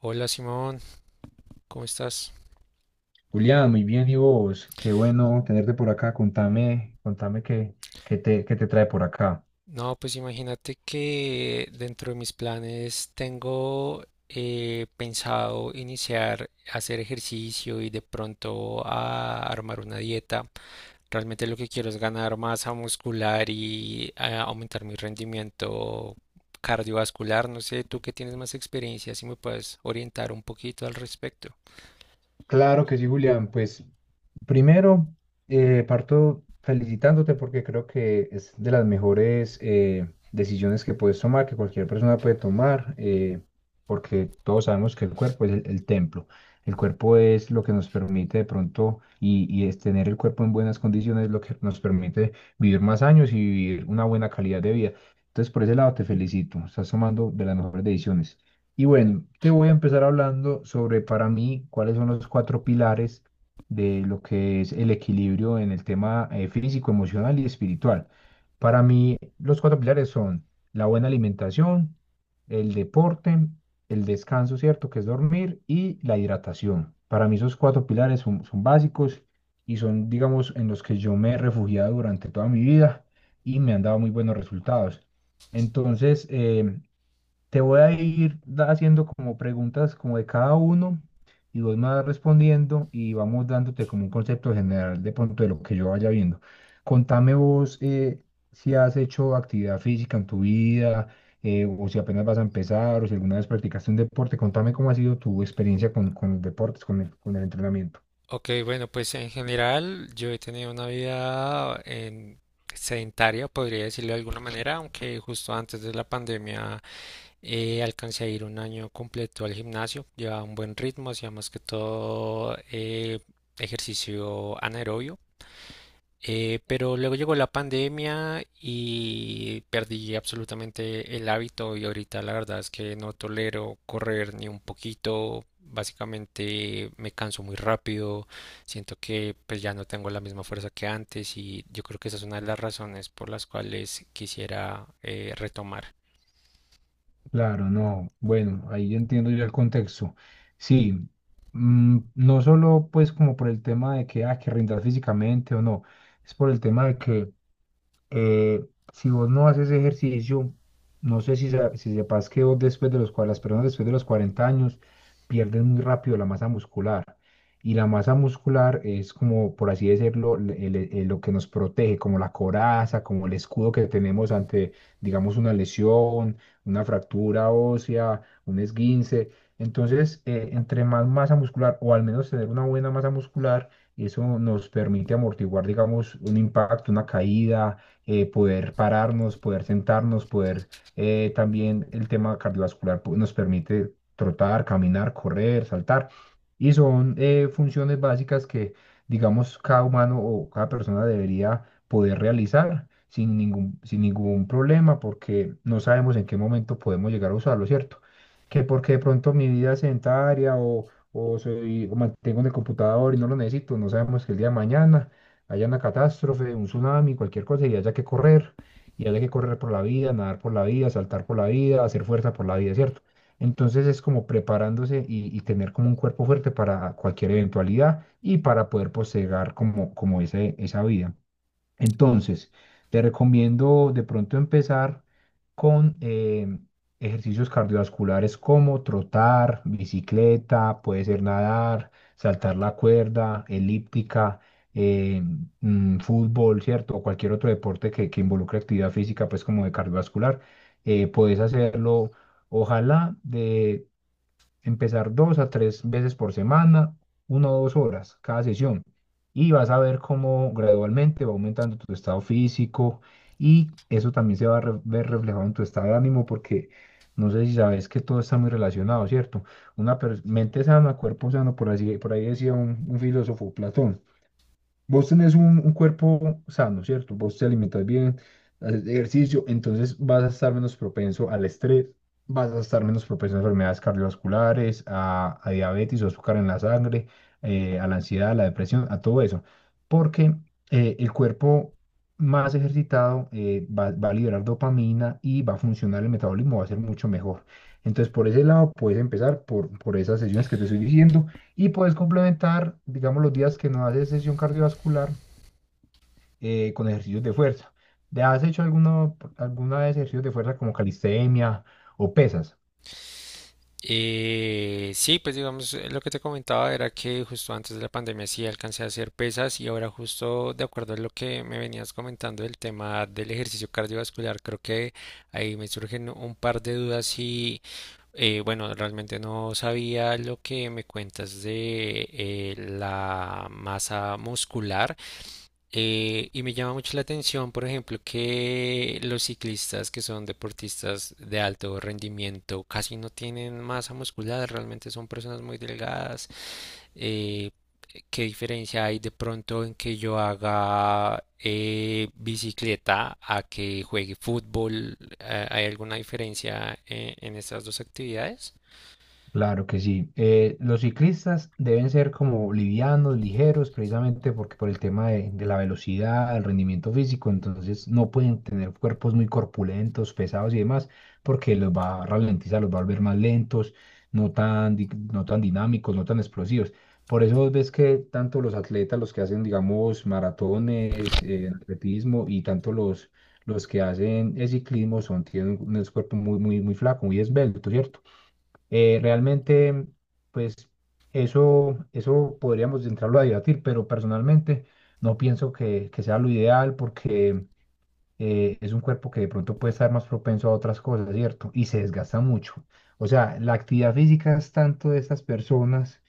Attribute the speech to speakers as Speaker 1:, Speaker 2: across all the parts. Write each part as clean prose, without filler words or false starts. Speaker 1: Hola Simón, ¿cómo estás?
Speaker 2: Julián, muy bien, ¿y vos? Qué bueno tenerte por acá. Contame qué te trae por acá.
Speaker 1: No, pues imagínate que dentro de mis planes tengo pensado iniciar a hacer ejercicio y de pronto a armar una dieta. Realmente lo que quiero es ganar masa muscular y aumentar mi rendimiento cardiovascular. No sé, tú que tienes más experiencia, si me puedes orientar un poquito al respecto.
Speaker 2: Claro que sí, Julián. Pues primero, parto felicitándote porque creo que es de las mejores decisiones que puedes tomar, que cualquier persona puede tomar, porque todos sabemos que el cuerpo es el templo. El cuerpo es lo que nos permite de pronto, y es tener el cuerpo en buenas condiciones, lo que nos permite vivir más años y vivir una buena calidad de vida. Entonces, por ese lado te felicito, estás tomando de las mejores decisiones. Y bueno, te voy a empezar hablando sobre para mí cuáles son los cuatro pilares de lo que es el equilibrio en el tema físico, emocional y espiritual. Para mí, los cuatro pilares son la buena alimentación, el deporte, el descanso, ¿cierto? Que es dormir y la hidratación. Para mí esos cuatro pilares son básicos y son, digamos, en los que yo me he refugiado durante toda mi vida y me han dado muy buenos resultados. Entonces, te voy a ir haciendo como preguntas como de cada uno y vos me vas respondiendo y vamos dándote como un concepto general de pronto de lo que yo vaya viendo. Contame vos si has hecho actividad física en tu vida, o si apenas vas a empezar o si alguna vez practicaste un deporte. Contame cómo ha sido tu experiencia con los deportes, con el entrenamiento.
Speaker 1: Ok, bueno, pues en general yo he tenido una vida sedentaria, podría decirlo de alguna manera, aunque justo antes de la pandemia alcancé a ir un año completo al gimnasio, llevaba un buen ritmo, hacía más que todo ejercicio anaerobio. Pero luego llegó la pandemia y perdí absolutamente el hábito y ahorita la verdad es que no tolero correr ni un poquito. Básicamente me canso muy rápido, siento que pues ya no tengo la misma fuerza que antes y yo creo que esa es una de las razones por las cuales quisiera retomar.
Speaker 2: Claro, no. Bueno, ahí ya entiendo yo el contexto. Sí, no solo pues como por el tema de que, que rindas físicamente o no, es por el tema de que eh, si vos no haces ejercicio, no sé si sepas que vos después de las personas después de los 40 años pierden muy rápido la masa muscular. Y la masa muscular es como, por así decirlo, lo que nos protege, como la coraza, como el escudo que tenemos ante, digamos, una lesión, una fractura ósea, un esguince. Entonces, entre más masa muscular o al menos tener una buena masa muscular, eso nos permite amortiguar, digamos, un impacto, una caída, poder pararnos, poder sentarnos, poder también el tema cardiovascular pues, nos permite trotar, caminar, correr, saltar. Y son funciones básicas que, digamos, cada humano o cada persona debería poder realizar sin ningún problema porque no sabemos en qué momento podemos llegar a usarlo, ¿cierto? Que porque de pronto mi vida es sedentaria o o mantengo en el computador y no lo necesito, no sabemos que el día de mañana haya una catástrofe, un tsunami, cualquier cosa y haya que correr, y haya que correr por la vida, nadar por la vida, saltar por la vida, hacer fuerza por la vida, ¿cierto? Entonces es como preparándose y tener como un cuerpo fuerte para cualquier eventualidad y para poder posegar como, como esa vida. Entonces, te recomiendo de pronto empezar con ejercicios cardiovasculares como trotar, bicicleta, puede ser nadar, saltar la cuerda, elíptica, eh, fútbol, ¿cierto? O cualquier otro deporte que involucre actividad física, pues como de cardiovascular. Puedes hacerlo, ojalá, empezar 2 a 3 veces por semana, 1 o 2 horas cada sesión. Y vas a ver cómo gradualmente va aumentando tu estado físico y eso también se va a ver reflejado en tu estado de ánimo porque no sé si sabes que todo está muy relacionado, ¿cierto? Una mente sana, cuerpo sano, por así, por ahí decía un filósofo, Platón. Vos tenés un cuerpo sano, ¿cierto? Vos te alimentas bien, haces ejercicio, entonces vas a estar menos propenso al estrés, vas a estar menos propenso a enfermedades cardiovasculares, a diabetes o azúcar en la sangre, a la ansiedad, a la depresión, a todo eso. Porque el cuerpo más ejercitado va a liberar dopamina y va a funcionar el metabolismo, va a ser mucho mejor. Entonces, por ese lado, puedes empezar por esas sesiones que te estoy diciendo y puedes complementar, digamos, los días que no haces sesión cardiovascular con ejercicios de fuerza. ¿Te has hecho alguna vez ejercicios de fuerza como calistenia o pesas?
Speaker 1: Sí, pues digamos, lo que te comentaba era que justo antes de la pandemia sí alcancé a hacer pesas y ahora justo de acuerdo a lo que me venías comentando del tema del ejercicio cardiovascular, creo que ahí me surgen un par de dudas y bueno, realmente no sabía lo que me cuentas de la masa muscular. Y me llama mucho la atención, por ejemplo, que los ciclistas que son deportistas de alto rendimiento casi no tienen masa muscular, realmente son personas muy delgadas. Eh, ¿Qué diferencia hay de pronto en que yo haga bicicleta a que juegue fútbol? ¿Hay alguna diferencia en estas dos actividades?
Speaker 2: Claro que sí. Los ciclistas deben ser como livianos, ligeros, precisamente porque por el tema de la velocidad, el rendimiento físico, entonces no pueden tener cuerpos muy corpulentos, pesados y demás, porque los va a ralentizar, los va a volver más lentos, no tan dinámicos, no tan explosivos. Por eso vos ves que tanto los atletas, los que hacen, digamos, maratones, atletismo y tanto los que hacen ciclismo son, tienen un cuerpo muy, muy, muy flaco, muy esbelto, ¿cierto? Realmente, pues eso podríamos entrarlo a debatir, pero personalmente no pienso que sea lo ideal porque es un cuerpo que de pronto puede estar más propenso a otras cosas, ¿cierto? Y se desgasta mucho. O sea, la actividad física es tanto de estas personas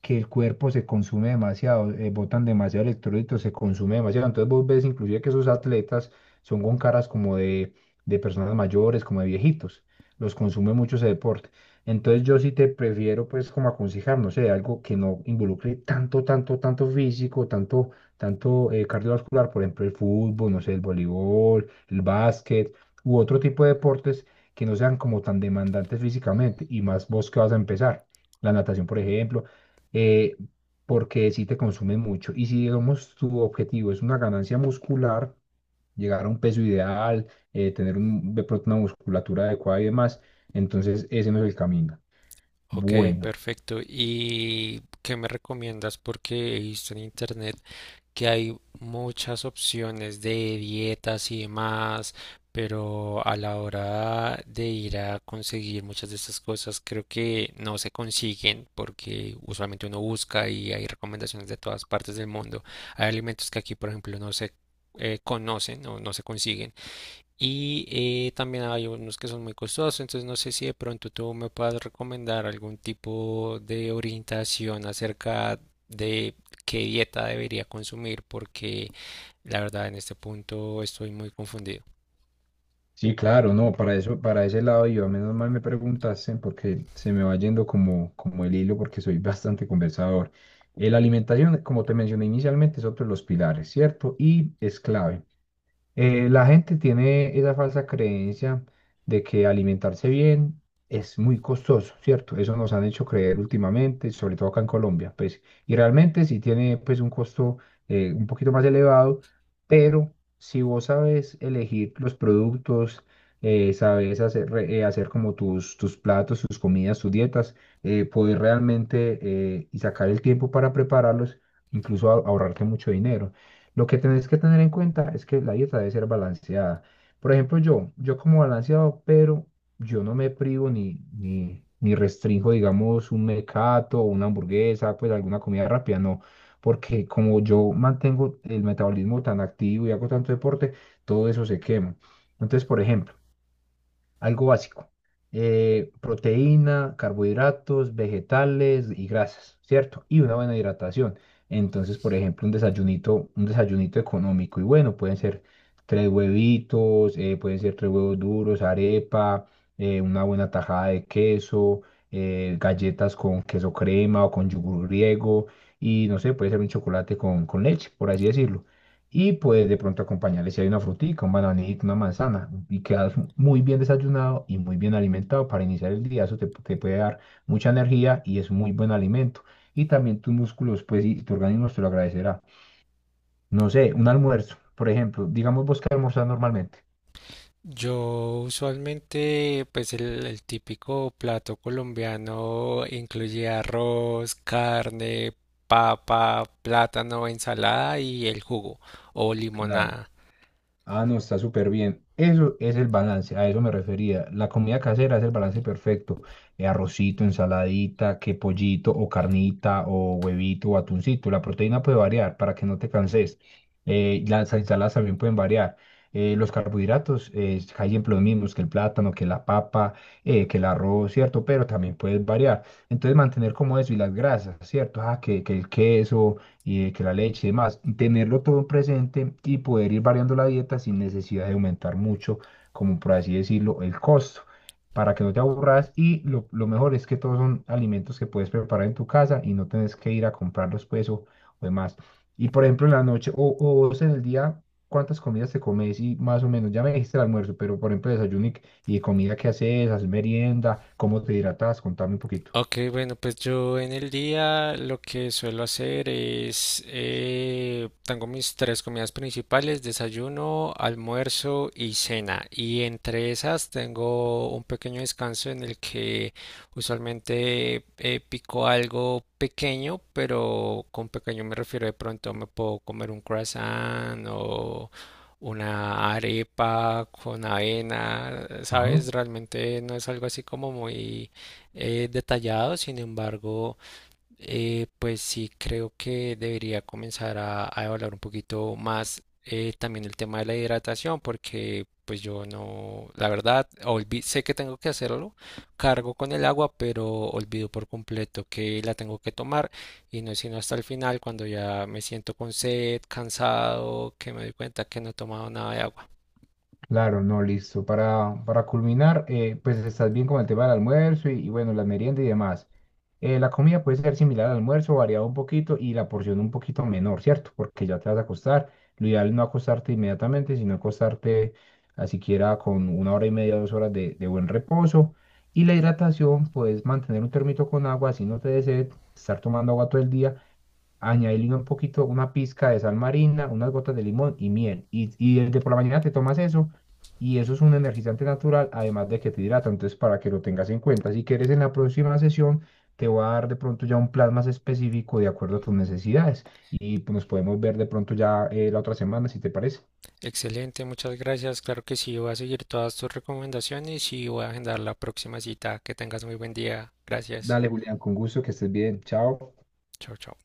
Speaker 2: que el cuerpo se consume demasiado, botan demasiado electrolitos, se consume demasiado. Entonces vos ves inclusive que esos atletas son con caras como de personas mayores, como de viejitos. Los consume mucho ese deporte. Entonces yo sí te prefiero pues como aconsejar, no sé, algo que no involucre tanto físico, tanto cardiovascular, por ejemplo el fútbol, no sé, el voleibol, el básquet u otro tipo de deportes que no sean como tan demandantes físicamente y más vos que vas a empezar. La natación, por ejemplo, eh, porque sí te consume mucho. Y si, digamos, tu objetivo es una ganancia muscular, llegar a un peso ideal, de pronto una musculatura adecuada y demás, entonces ese no es el camino.
Speaker 1: Ok,
Speaker 2: Bueno,
Speaker 1: perfecto. ¿Y qué me recomiendas? Porque he visto en internet que hay muchas opciones de dietas y demás, pero a la hora de ir a conseguir muchas de estas cosas creo que no se consiguen porque usualmente uno busca y hay recomendaciones de todas partes del mundo. Hay alimentos que aquí, por ejemplo, no se conocen o no se consiguen. Y también hay unos que son muy costosos, entonces no sé si de pronto tú me puedas recomendar algún tipo de orientación acerca de qué dieta debería consumir, porque la verdad en este punto estoy muy confundido.
Speaker 2: sí, claro, no, para eso, para ese lado yo, menos mal me preguntaste porque se me va yendo como, como el hilo porque soy bastante conversador. La alimentación, como te mencioné inicialmente, es otro de los pilares, ¿cierto? Y es clave. La gente tiene esa falsa creencia de que alimentarse bien es muy costoso, ¿cierto? Eso nos han hecho creer últimamente, sobre todo acá en Colombia, pues, y realmente sí tiene pues un costo un poquito más elevado, pero si vos sabes elegir los productos, sabes hacer como tus, tus platos, tus comidas, tus dietas, poder realmente y sacar el tiempo para prepararlos, incluso ahorrarte mucho dinero. Lo que tenés que tener en cuenta es que la dieta debe ser balanceada. Por ejemplo, yo como balanceado, pero yo no me privo ni restringo, digamos, un mecato, una hamburguesa, pues alguna comida rápida, no. Porque como yo mantengo el metabolismo tan activo y hago tanto deporte, todo eso se quema. Entonces, por ejemplo, algo básico. Proteína, carbohidratos, vegetales y grasas, ¿cierto? Y una buena hidratación. Entonces, por ejemplo, un desayunito económico y bueno, pueden ser tres huevitos, pueden ser tres huevos duros, arepa, una buena tajada de queso, galletas con queso crema o con yogur griego y no sé, puede ser un chocolate con leche, por así decirlo. Y pues de pronto acompañarle si hay una frutica, un bananito, una manzana. Y quedas muy bien desayunado y muy bien alimentado para iniciar el día. Eso te puede dar mucha energía y es muy buen alimento. Y también tus músculos, pues, y tu organismo te lo agradecerá. No sé, un almuerzo, por ejemplo. Digamos vos que almorzás normalmente.
Speaker 1: Yo usualmente, pues el típico plato colombiano incluye arroz, carne, papa, plátano, ensalada y el jugo o
Speaker 2: Claro.
Speaker 1: limonada.
Speaker 2: Ah, no, está súper bien. Eso es el balance, a eso me refería. La comida casera es el balance perfecto. Arrocito, ensaladita, que pollito o carnita o huevito o atuncito. La proteína puede variar para que no te canses. Las ensaladas también pueden variar. Los carbohidratos, hay siempre los mismos que el plátano, que la papa, que el arroz, ¿cierto? Pero también puedes variar. Entonces mantener como eso y las grasas, ¿cierto? Ah, que el queso y de que la leche y demás, y tenerlo todo presente y poder ir variando la dieta sin necesidad de aumentar mucho, como por así decirlo, el costo, para que no te aburras y lo mejor es que todos son alimentos que puedes preparar en tu casa y no tienes que ir a comprarlos pues o demás. Y por ejemplo en la noche o vos en el día, ¿cuántas comidas te comes? Y más o menos, ya me dijiste el almuerzo, pero por ejemplo y comida que haces, haces merienda, ¿cómo te hidratas? Contame un poquito.
Speaker 1: Ok, bueno, pues yo en el día lo que suelo hacer es, tengo mis tres comidas principales, desayuno, almuerzo y cena. Y entre esas tengo un pequeño descanso en el que usualmente pico algo pequeño, pero con pequeño me refiero de pronto me puedo comer un croissant o una arepa con avena, ¿sabes?
Speaker 2: Ajá.
Speaker 1: Realmente no es algo así como muy detallado, sin embargo, pues sí creo que debería comenzar a evaluar un poquito más también el tema de la hidratación, porque pues yo no, la verdad, sé que tengo que hacerlo, cargo con el agua, pero olvido por completo que la tengo que tomar y no es sino hasta el final cuando ya me siento con sed, cansado, que me doy cuenta que no he tomado nada de agua.
Speaker 2: Claro, no, listo. Para culminar, pues estás bien con el tema del almuerzo y bueno, la merienda y demás. La comida puede ser similar al almuerzo, variado un poquito y la porción un poquito menor, ¿cierto? Porque ya te vas a acostar. Lo ideal es no acostarte inmediatamente, sino acostarte a siquiera con 1 hora y media, 2 horas de buen reposo. Y la hidratación, puedes mantener un termito con agua, si no te desea estar tomando agua todo el día añadirle un poquito, una pizca de sal marina, unas gotas de limón y miel. Y desde por la mañana te tomas eso y eso es un energizante natural, además de que te hidrata. Entonces, para que lo tengas en cuenta, si quieres en la próxima sesión, te voy a dar de pronto ya un plan más específico de acuerdo a tus necesidades y pues, nos podemos ver de pronto ya la otra semana, si te parece.
Speaker 1: Excelente, muchas gracias. Claro que sí, voy a seguir todas tus recomendaciones y voy a agendar la próxima cita. Que tengas muy buen día. Gracias.
Speaker 2: Dale, Julián, con gusto, que estés bien. Chao.
Speaker 1: Chao, chao.